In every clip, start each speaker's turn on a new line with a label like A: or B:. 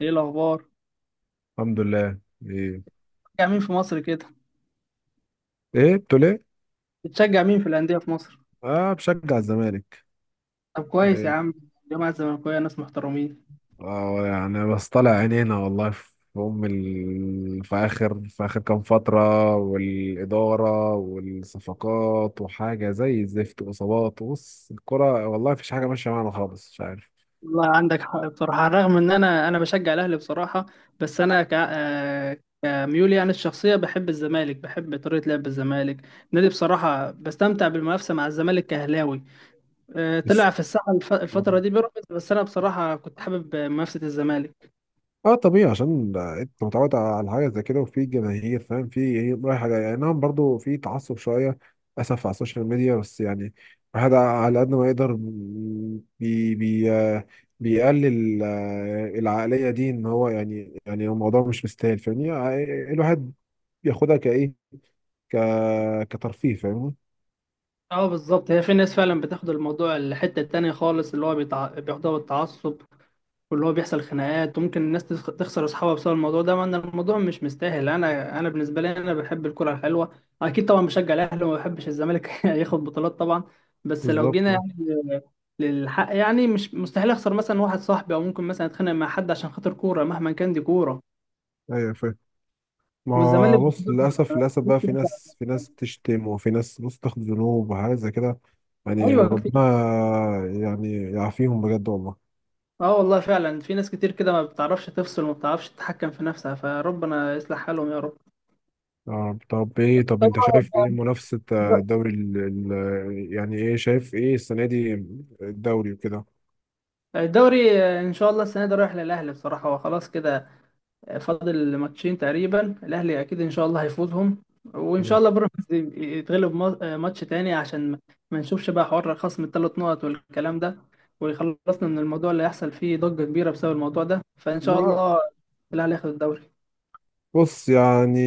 A: ايه الاخبار؟
B: الحمد لله. ايه.
A: بتشجع مين في مصر كده؟
B: ايه بتقول ايه؟
A: بتشجع مين في الانديه في مصر؟
B: اه بشجع الزمالك.
A: طب كويس يا
B: ايه.
A: عم. الجامعه الزمالكاويه ناس محترمين.
B: اه يعني بس طالع عينينا والله في اخر كام فتره، والاداره والصفقات وحاجه زي الزفت واصابات، بص الكره والله مفيش حاجه ماشيه معانا خالص، مش عارف
A: والله عندك حق بصراحه، على الرغم ان انا بشجع الاهلي بصراحه. بس انا ك... آه، كميولي، يعني الشخصيه بحب الزمالك، بحب طريقه لعب الزمالك النادي. بصراحه بستمتع بالمنافسه مع الزمالك كهلاوي. طلع في الساحه
B: بس.
A: الفتره دي بيراميدز، بس انا بصراحه كنت حابب منافسه الزمالك.
B: اه طبيعي عشان انت متعود على حاجه زي كده، وفي جماهير فاهم في ايه رايح جاي، يعني نعم برضو في تعصب شويه للاسف على السوشيال ميديا، بس يعني الواحد على قد ما يقدر بي بي آه، بيقلل العقليه دي، ان هو يعني الموضوع مش مستاهل، فاهمني؟ الواحد بياخدها كايه ك كترفيه، فاهمني؟
A: اه، بالظبط، هي في ناس فعلا بتاخد الموضوع الحته التانيه خالص، اللي هو بياخدوها بالتعصب، واللي هو بيحصل خناقات، وممكن الناس تخسر اصحابها بسبب الموضوع ده، مع ان الموضوع مش مستاهل. انا بالنسبه لي انا بحب الكره الحلوه، اكيد طبعا بشجع الاهلي وما بحبش الزمالك ياخد بطولات طبعا. بس لو جينا
B: بالظبط آه.
A: يعني للحق، يعني مش مستحيل اخسر مثلا واحد صاحبي، او ممكن مثلا اتخانق مع حد عشان خاطر كوره، مهما كان دي كوره.
B: ايوه فاهم. ما
A: والزمالك
B: هو بص، للأسف بقى في ناس، في ناس تشتم، وفي ناس بص تاخد ذنوب وحاجات زي كده. يعني
A: ايوه كتير.
B: ربنا يعني يعافيهم بجد والله.
A: اه والله فعلا في ناس كتير كده ما بتعرفش تفصل وما بتعرفش تتحكم في نفسها، فربنا يصلح حالهم يا رب.
B: آه، طب
A: طب
B: ايه، طب
A: انت
B: انت شايف ايه منافسة
A: بقى-
B: يعني ايه شايف ايه السنة دي، الدوري وكده؟
A: الدوري، ان شاء الله السنه دي رايح للاهلي بصراحه، هو خلاص كده. فاضل ماتشين تقريبا، الاهلي اكيد ان شاء الله هيفوزهم، وان شاء الله بيراميدز يتغلب ماتش تاني، عشان ما نشوفش بقى حوار خصم الثلاث نقط والكلام ده، ويخلصنا من الموضوع اللي هيحصل فيه ضجه كبيره بسبب الموضوع ده. فان شاء
B: ما
A: الله الاهلي ياخد الدوري.
B: بص يعني،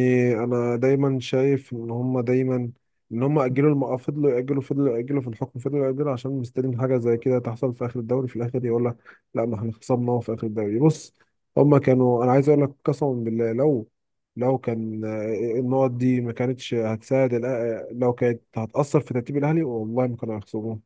B: انا دايما شايف ان هم دايما ان هم اجلوا الموضوع، فضلوا ياجلوا، فضلوا ياجلوا في الحكم، فضلوا ياجلوا عشان مستنيين حاجه زي كده تحصل في اخر الدوري، في الاخر يقول لك لا ما احنا خصمناه في اخر الدوري. بص هم كانوا، انا عايز اقول لك قسما بالله، لو لو كان النقط دي ما كانتش هتساعد لو كانت هتاثر في ترتيب الاهلي، والله ما كانوا هيخسروه.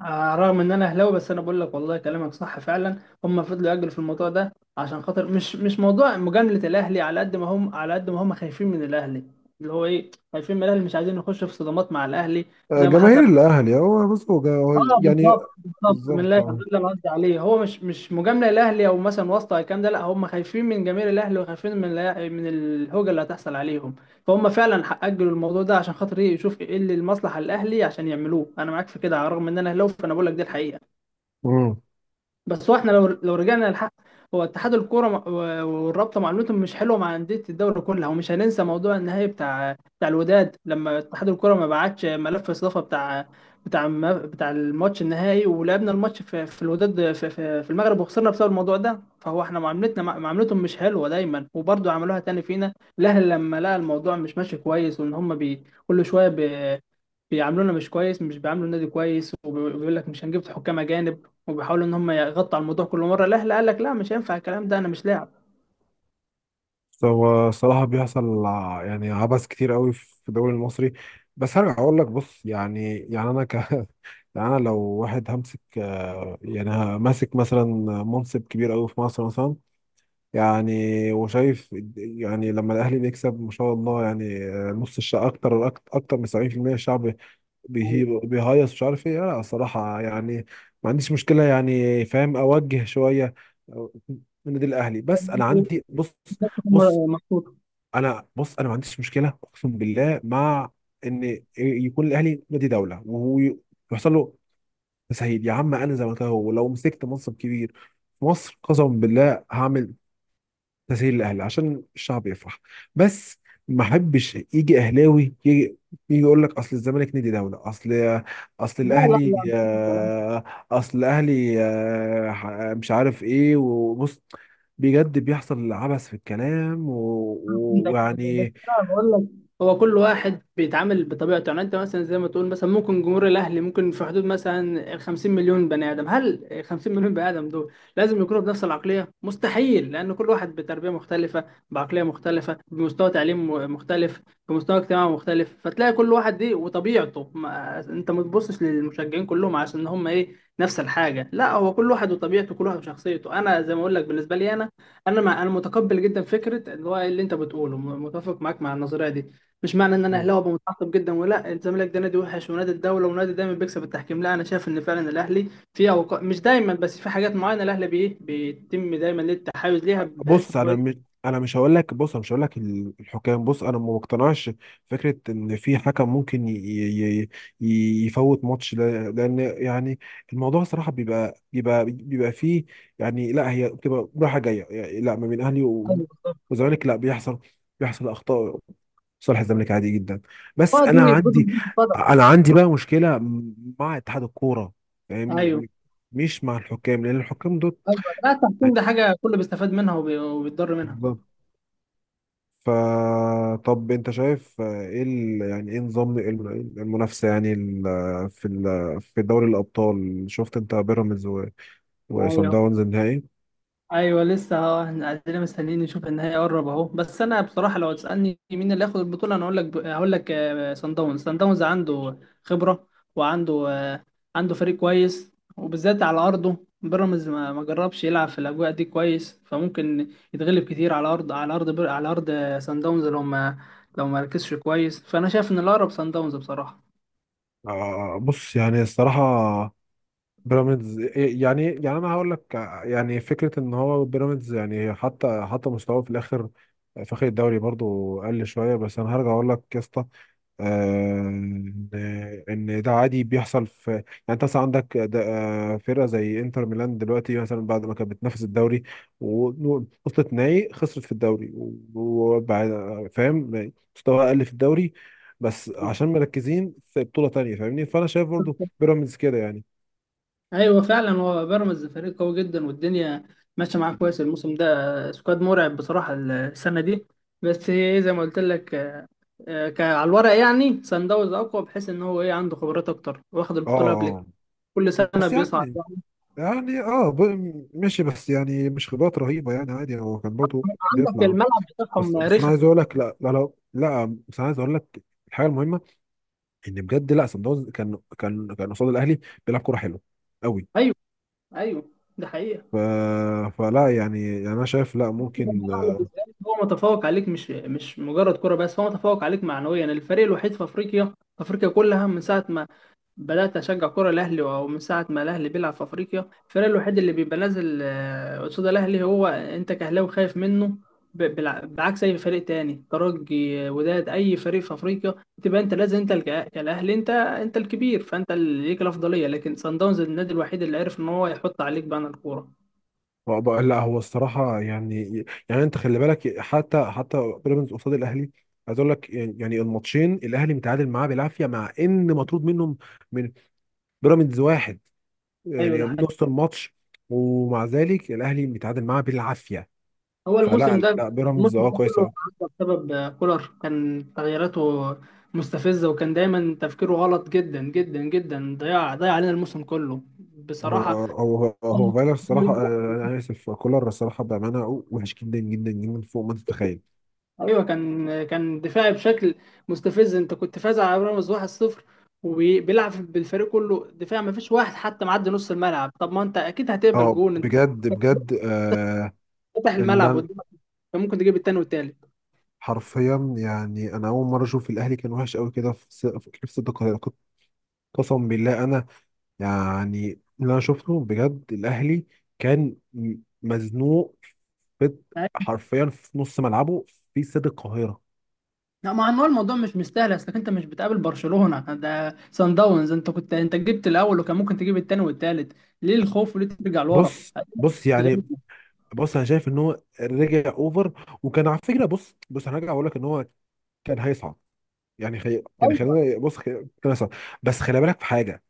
A: رغم ان انا اهلاوي، بس انا بقول لك والله كلامك صح فعلا. هم فضلوا يأجلوا في الموضوع ده عشان خاطر مش موضوع مجاملة الاهلي، على قد ما هم على قد ما هم خايفين من الاهلي. اللي هو ايه، خايفين من الاهلي، مش عايزين نخش في صدمات مع الاهلي زي ما حصل.
B: جماهير الاهلي، هو بص هو هو
A: اه،
B: يعني.
A: بالظبط بالظبط، من الله
B: بالظبط
A: يفضل اللي انا قصدي عليه، هو مش مجاملة الاهلي او مثلا واسطة أو الكلام ده، لا هم خايفين من جماهير الاهلي، وخايفين من من الهوجة اللي هتحصل عليهم. فهم فعلا اجلوا الموضوع ده عشان خاطر ايه، يشوف ايه اللي المصلحة الاهلي عشان يعملوه. انا معاك في كده، على الرغم ان انا اهلاوي، فانا بقول لك دي الحقيقة.
B: آه.
A: بس هو احنا لو رجعنا للحق، هو اتحاد الكوره والرابطه معاملتهم مش حلوه مع انديه الدوري كلها، ومش هننسى موضوع النهائي بتاع الوداد لما اتحاد الكوره ما بعتش ملف استضافه بتاع الماتش النهائي، ولعبنا الماتش في الوداد، في المغرب، وخسرنا بسبب الموضوع ده. فهو احنا معاملتنا معاملتهم مش حلوه دايما، وبرضه عملوها تاني فينا. الاهلي لما لقى الموضوع مش ماشي كويس، وان هم بي كل شويه بيعاملونا مش كويس، مش بيعاملوا النادي كويس، وبيقول لك مش هنجيب حكام اجانب، وبيحاولوا ان هم يغطوا على الموضوع، كل مره الاهلي قال لك لا مش هينفع الكلام ده، انا مش لاعب.
B: هو الصراحة بيحصل يعني عبث كتير قوي في الدوري المصري. بس هرجع أقول لك بص، يعني يعني أنا ك يعني أنا لو واحد همسك يعني ماسك مثلا منصب كبير قوي في مصر مثلا، يعني وشايف يعني لما الأهلي بيكسب ما شاء الله، يعني آه، نص الشعب، أكتر من 70%، الشعب بيهيص مش عارف إيه، لا الصراحة يعني ما عنديش مشكلة، يعني فاهم أوجه شوية من النادي الأهلي، بس أنا عندي بص. بص
A: أيوة. محطوط.
B: انا، انا ما عنديش مشكله اقسم بالله مع ان يكون الاهلي نادي دوله وهو يحصل له تسهيل، يا عم انا زملكاوي ولو مسكت منصب كبير في مصر قسما بالله هعمل تسهيل للاهلي عشان الشعب يفرح. بس ما احبش يجي اهلاوي يجي يقول لك اصل الزمالك نادي دوله، اصل
A: لا لا
B: الاهلي
A: لا، مفيش الكلام.
B: آه، اصل الاهلي مش عارف ايه. وبص بجد بيحصل عبث في الكلام و- و-
A: عندك بس،
B: ويعني.
A: انا بقول لك هو كل واحد بيتعامل بطبيعته، يعني انت مثلا زي ما تقول مثلا، ممكن جمهور الاهلي ممكن في حدود مثلا ال 50 مليون بني ادم. هل ال 50 مليون بني ادم دول لازم يكونوا بنفس العقليه؟ مستحيل، لان كل واحد بتربيه مختلفه، بعقليه مختلفه، بمستوى تعليم مختلف، بمستوى اجتماعي مختلف. فتلاقي كل واحد دي وطبيعته، ما انت ما تبصش للمشجعين كلهم عشان هم ايه، نفس الحاجه. لا، هو كل واحد وطبيعته، كل واحد وشخصيته. انا زي ما اقول لك بالنسبه لي انا، انا مع انا متقبل جدا فكره اللي هو اللي انت بتقوله، متفق معاك مع النظريه دي. مش معنى ان انا اهلاوي أبقى متعصب جدا، ولا الزمالك ده نادي وحش ونادي الدوله ونادي دايما بيكسب التحكيم. لا، انا شايف ان فعلا الاهلي في أوقات، مش دايما بس في حاجات معينه، الاهلي بيه بيتم دايما ليه التحيز ليها، بحيث ان
B: بص
A: هو
B: انا مش انا مش هقول لك، بص انا مش هقول لك الحكام، بص انا ما مقتنعش فكره ان في حكم ممكن يفوت ماتش، لان يعني الموضوع صراحه بيبقى فيه يعني، لا هي بتبقى رايحه جايه يعني، لا ما بين اهلي
A: أيوة بالظبط.
B: وزمالك لا، بيحصل اخطاء صالح الزمالك عادي جدا.
A: اه
B: بس انا
A: دي برضه
B: عندي،
A: بتتفضل.
B: انا عندي بقى مشكله مع اتحاد الكوره،
A: ايوه،
B: فاهمني؟ مش مع الحكام، لان الحكام دول
A: ايوه، لا التحكيم ده حاجه كله بيستفاد منها وبيتضر منها.
B: يعني. فطب انت شايف آه، ايه يعني ايه نظام المنافسه يعني في دوري الابطال، شفت انت بيراميدز وصن
A: ايوه،
B: داونز النهائي.
A: ايوه، لسه اهو احنا قاعدين مستنيين نشوف النهائي قرب اهو. بس انا بصراحه لو تسالني مين اللي هياخد البطوله، انا اقول لك هقول لك، سان داونز عنده خبره، وعنده عنده فريق كويس، وبالذات على ارضه. بيراميدز ما جربش يلعب في الاجواء دي كويس، فممكن يتغلب كتير على ارض سان داونز، لو ما ركزش كويس، فانا شايف ان الاقرب سان داونز بصراحه.
B: آه بص يعني الصراحه بيراميدز إيه، يعني يعني انا هقول لك، يعني فكره ان هو بيراميدز يعني، حتى مستواه في الاخر في اخر الدوري برضو قل شويه. بس انا هرجع اقول لك يا اسطى آه، إن ده عادي بيحصل في يعني، انت مثلا عندك فرقه زي انتر ميلان دلوقتي مثلا، بعد ما كانت بتنافس الدوري و- ووصلت نهائي خسرت في الدوري وبعد، فاهم؟ مستوى اقل في الدوري بس عشان مركزين في بطوله تانيه، فاهمني؟ فانا شايف برضو بيراميدز كده يعني.
A: ايوه فعلا، هو بيراميدز فريق قوي جدا والدنيا ماشيه معاه كويس. الموسم ده سكواد مرعب بصراحه السنه دي. بس هي ايه، زي ما قلت لك، على الورق يعني سان داونز اقوى، بحيث ان هو ايه عنده خبرات اكتر واخد
B: اه
A: البطوله قبل كده.
B: آه.
A: كل سنه
B: بس
A: بيصعد
B: يعني
A: يعني.
B: يعني اه ماشي، بس يعني مش خبرات رهيبه يعني، عادي هو كان برضه
A: عندك
B: بيطلع.
A: الملعب بتاعهم
B: بس انا عايز
A: رخم.
B: اقول لك، لا بس انا عايز اقول لك الحاجه المهمه، ان بجد لا سان داونز كان قصاد الاهلي بيلعب كوره حلوه قوي.
A: ايوه، ايوه، ده حقيقه.
B: ف... فلا يعني، يعني انا شايف لا ممكن.
A: الأهلي بالذات هو متفوق عليك، مش مجرد كره بس هو متفوق عليك معنويا. الفريق الوحيد في افريقيا، في افريقيا كلها، من ساعه ما بدأت أشجع كرة الأهلي، ومن ساعة ما الأهلي بيلعب في أفريقيا، الفريق الوحيد اللي بيبقى نازل قصاد الأهلي، هو أنت كأهلاوي خايف منه، بعكس أي فريق تاني، ترجي، وداد، أي فريق في أفريقيا تبقى أنت لازم، أنت كالأهلي، أنت أنت الكبير، فأنت اللي ليك الأفضلية. لكن صن داونز النادي الوحيد اللي عرف إن هو يحط عليك بان الكورة.
B: آه، لا هو الصراحه يعني، يعني انت خلي بالك، حتى بيراميدز قصاد الاهلي، عايز اقول لك يعني يعني الماتشين الاهلي متعادل معاه بالعافيه، مع ان مطرود منهم من بيراميدز واحد
A: أيوه
B: يعني
A: ده.
B: من نص الماتش، ومع ذلك الاهلي بيتعادل معاه بالعافيه.
A: هو الموسم
B: فلا
A: ده
B: لا بيراميدز
A: الموسم ده
B: اه
A: كله
B: كويسه.
A: عدى بسبب كولر، كان تغييراته مستفزة، وكان دايما تفكيره غلط جدا جدا جدا، ضيع علينا الموسم كله
B: هو
A: بصراحة.
B: هو هو فايلر الصراحه آه، انا اسف كولر الصراحه بامانه وحش جدا جدا جدا فوق ما انت تتخيل.
A: ايوه، كان دفاعي بشكل مستفز. انت كنت فاز على بيراميدز 1-0، وبيلعب بالفريق كله دفاع، ما فيش واحد حتى معدي نص الملعب. طب ما انت اكيد هتقبل
B: اه
A: جون، انت
B: بجد بجد آه.
A: فاتح
B: اللي
A: الملعب
B: أنا-
A: قدامك، كان ممكن تجيب التاني والتالت.
B: حرفيا يعني انا اول مره اشوف الاهلي كان وحش قوي كده، في في كلمه صدق قسم بالله انا، يعني اللي انا شفته بجد الاهلي كان مزنوق في، حرفيا في نص ملعبه في استاد القاهره.
A: لا، ما هو الموضوع مش مستاهل، اصلك انت مش بتقابل برشلونة، ده سان داونز. انت جبت الاول، وكان ممكن تجيب التاني والتالت. ليه الخوف وليه ترجع لورا
B: بص
A: تتغلب؟
B: يعني، بص انا شايف ان هو رجع اوفر، وكان على فكره، بص انا هرجع اقول لك ان هو كان هيصعد يعني، يعني
A: ايوه،
B: خلينا بص كان هيصعد. بس خلي بالك في حاجه،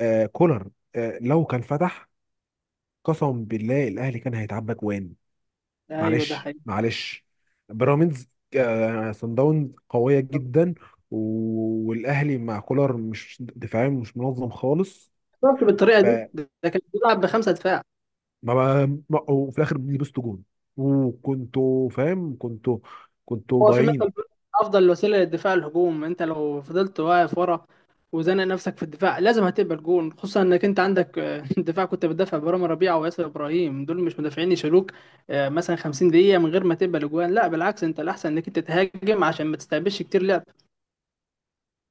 B: آه كولر آه لو كان فتح قسم بالله الاهلي كان هيتعبى جوان.
A: ايوه، ده
B: معلش
A: حقيقي.
B: معلش بيراميدز، آه، صن داونز قوية
A: طب
B: جدا، و- والأهلي مع كولر مش دفاعيا مش منظم خالص.
A: خسرت بالطريقه دي،
B: فما
A: ده كان بيلعب بخمسه دفاع.
B: وفي الآخر لبستوا جون، وكنتوا فاهم، كنتوا
A: هو في مثل
B: ضايعين.
A: بيقول افضل وسيله للدفاع الهجوم. انت لو فضلت واقف ورا، وزنق نفسك في الدفاع، لازم هتقبل جون، خصوصا انك انت عندك دفاع، كنت بتدافع برامي ربيعه وياسر ابراهيم، دول مش مدافعين يشيلوك مثلا 50 دقيقه من غير ما تقبل اجوان. لا بالعكس، انت الاحسن انك انت تهاجم عشان ما تستقبلش كتير لعب.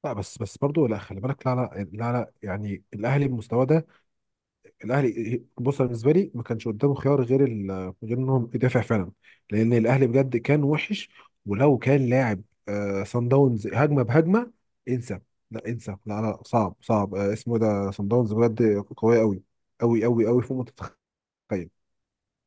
B: لا بس برضه لا خلي بالك، لا يعني الأهلي بمستواه ده، الاهلي بص أنا بالنسبه لي ما كانش قدامه خيار غير غير انهم يدافع فعلا، لان الاهلي بجد كان وحش. ولو كان لاعب آه صن داونز هجمه بهجمه، انسى، لا انسى، لا لا صعب صعب آه اسمه، ده صن داونز بجد قويه قوي فوق ما تتخيل.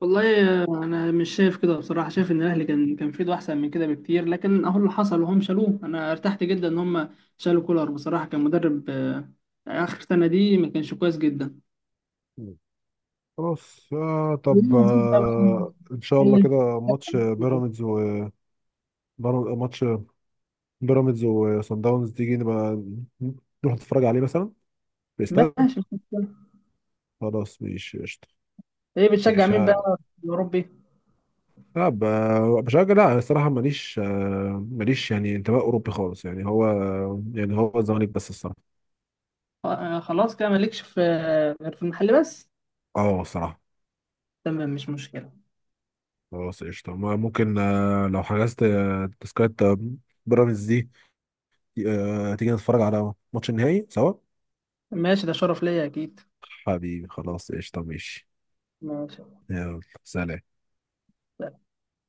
A: والله، انا مش شايف كده بصراحه، شايف ان الاهلي كان في ايده احسن من كده بكتير. لكن اهو اللي حصل وهم شالوه، انا ارتحت جدا ان هم شالوا كولر بصراحه، كان مدرب اخر سنه دي ما كانش كويس جدا.
B: مم. خلاص آه، طب
A: خلينا نشوف بقى مين.
B: آه ان شاء
A: هل
B: الله
A: اللي
B: كده ماتش
A: بتشجع-
B: بيراميدز و ماتش بيراميدز وصن داونز، تيجي نبقى نروح نتفرج عليه مثلا في
A: ماشي،
B: الاستاد.
A: مش مشكلة.
B: خلاص ماشي قشطة.
A: ايه بتشجع
B: ماشي.
A: مين بقى في الأوروبي؟
B: لا بشجع، لا انا الصراحه ماليش آه، ماليش يعني انتماء اوروبي خالص يعني، هو يعني هو الزمالك بس الصراحه.
A: خلاص كده مالكش في غير في المحل بس؟
B: اه الصراحه.
A: تمام، مش مشكلة.
B: خلاص قشطه، ممكن آه، لو حجزت آه، تذكره آه، بيراميدز دي، آه، تيجي نتفرج على ماتش النهائي سوا.
A: ماشي، ده شرف ليا أكيد.
B: حبيبي خلاص قشطه، ماشي.
A: ماشي.
B: يلا سلام.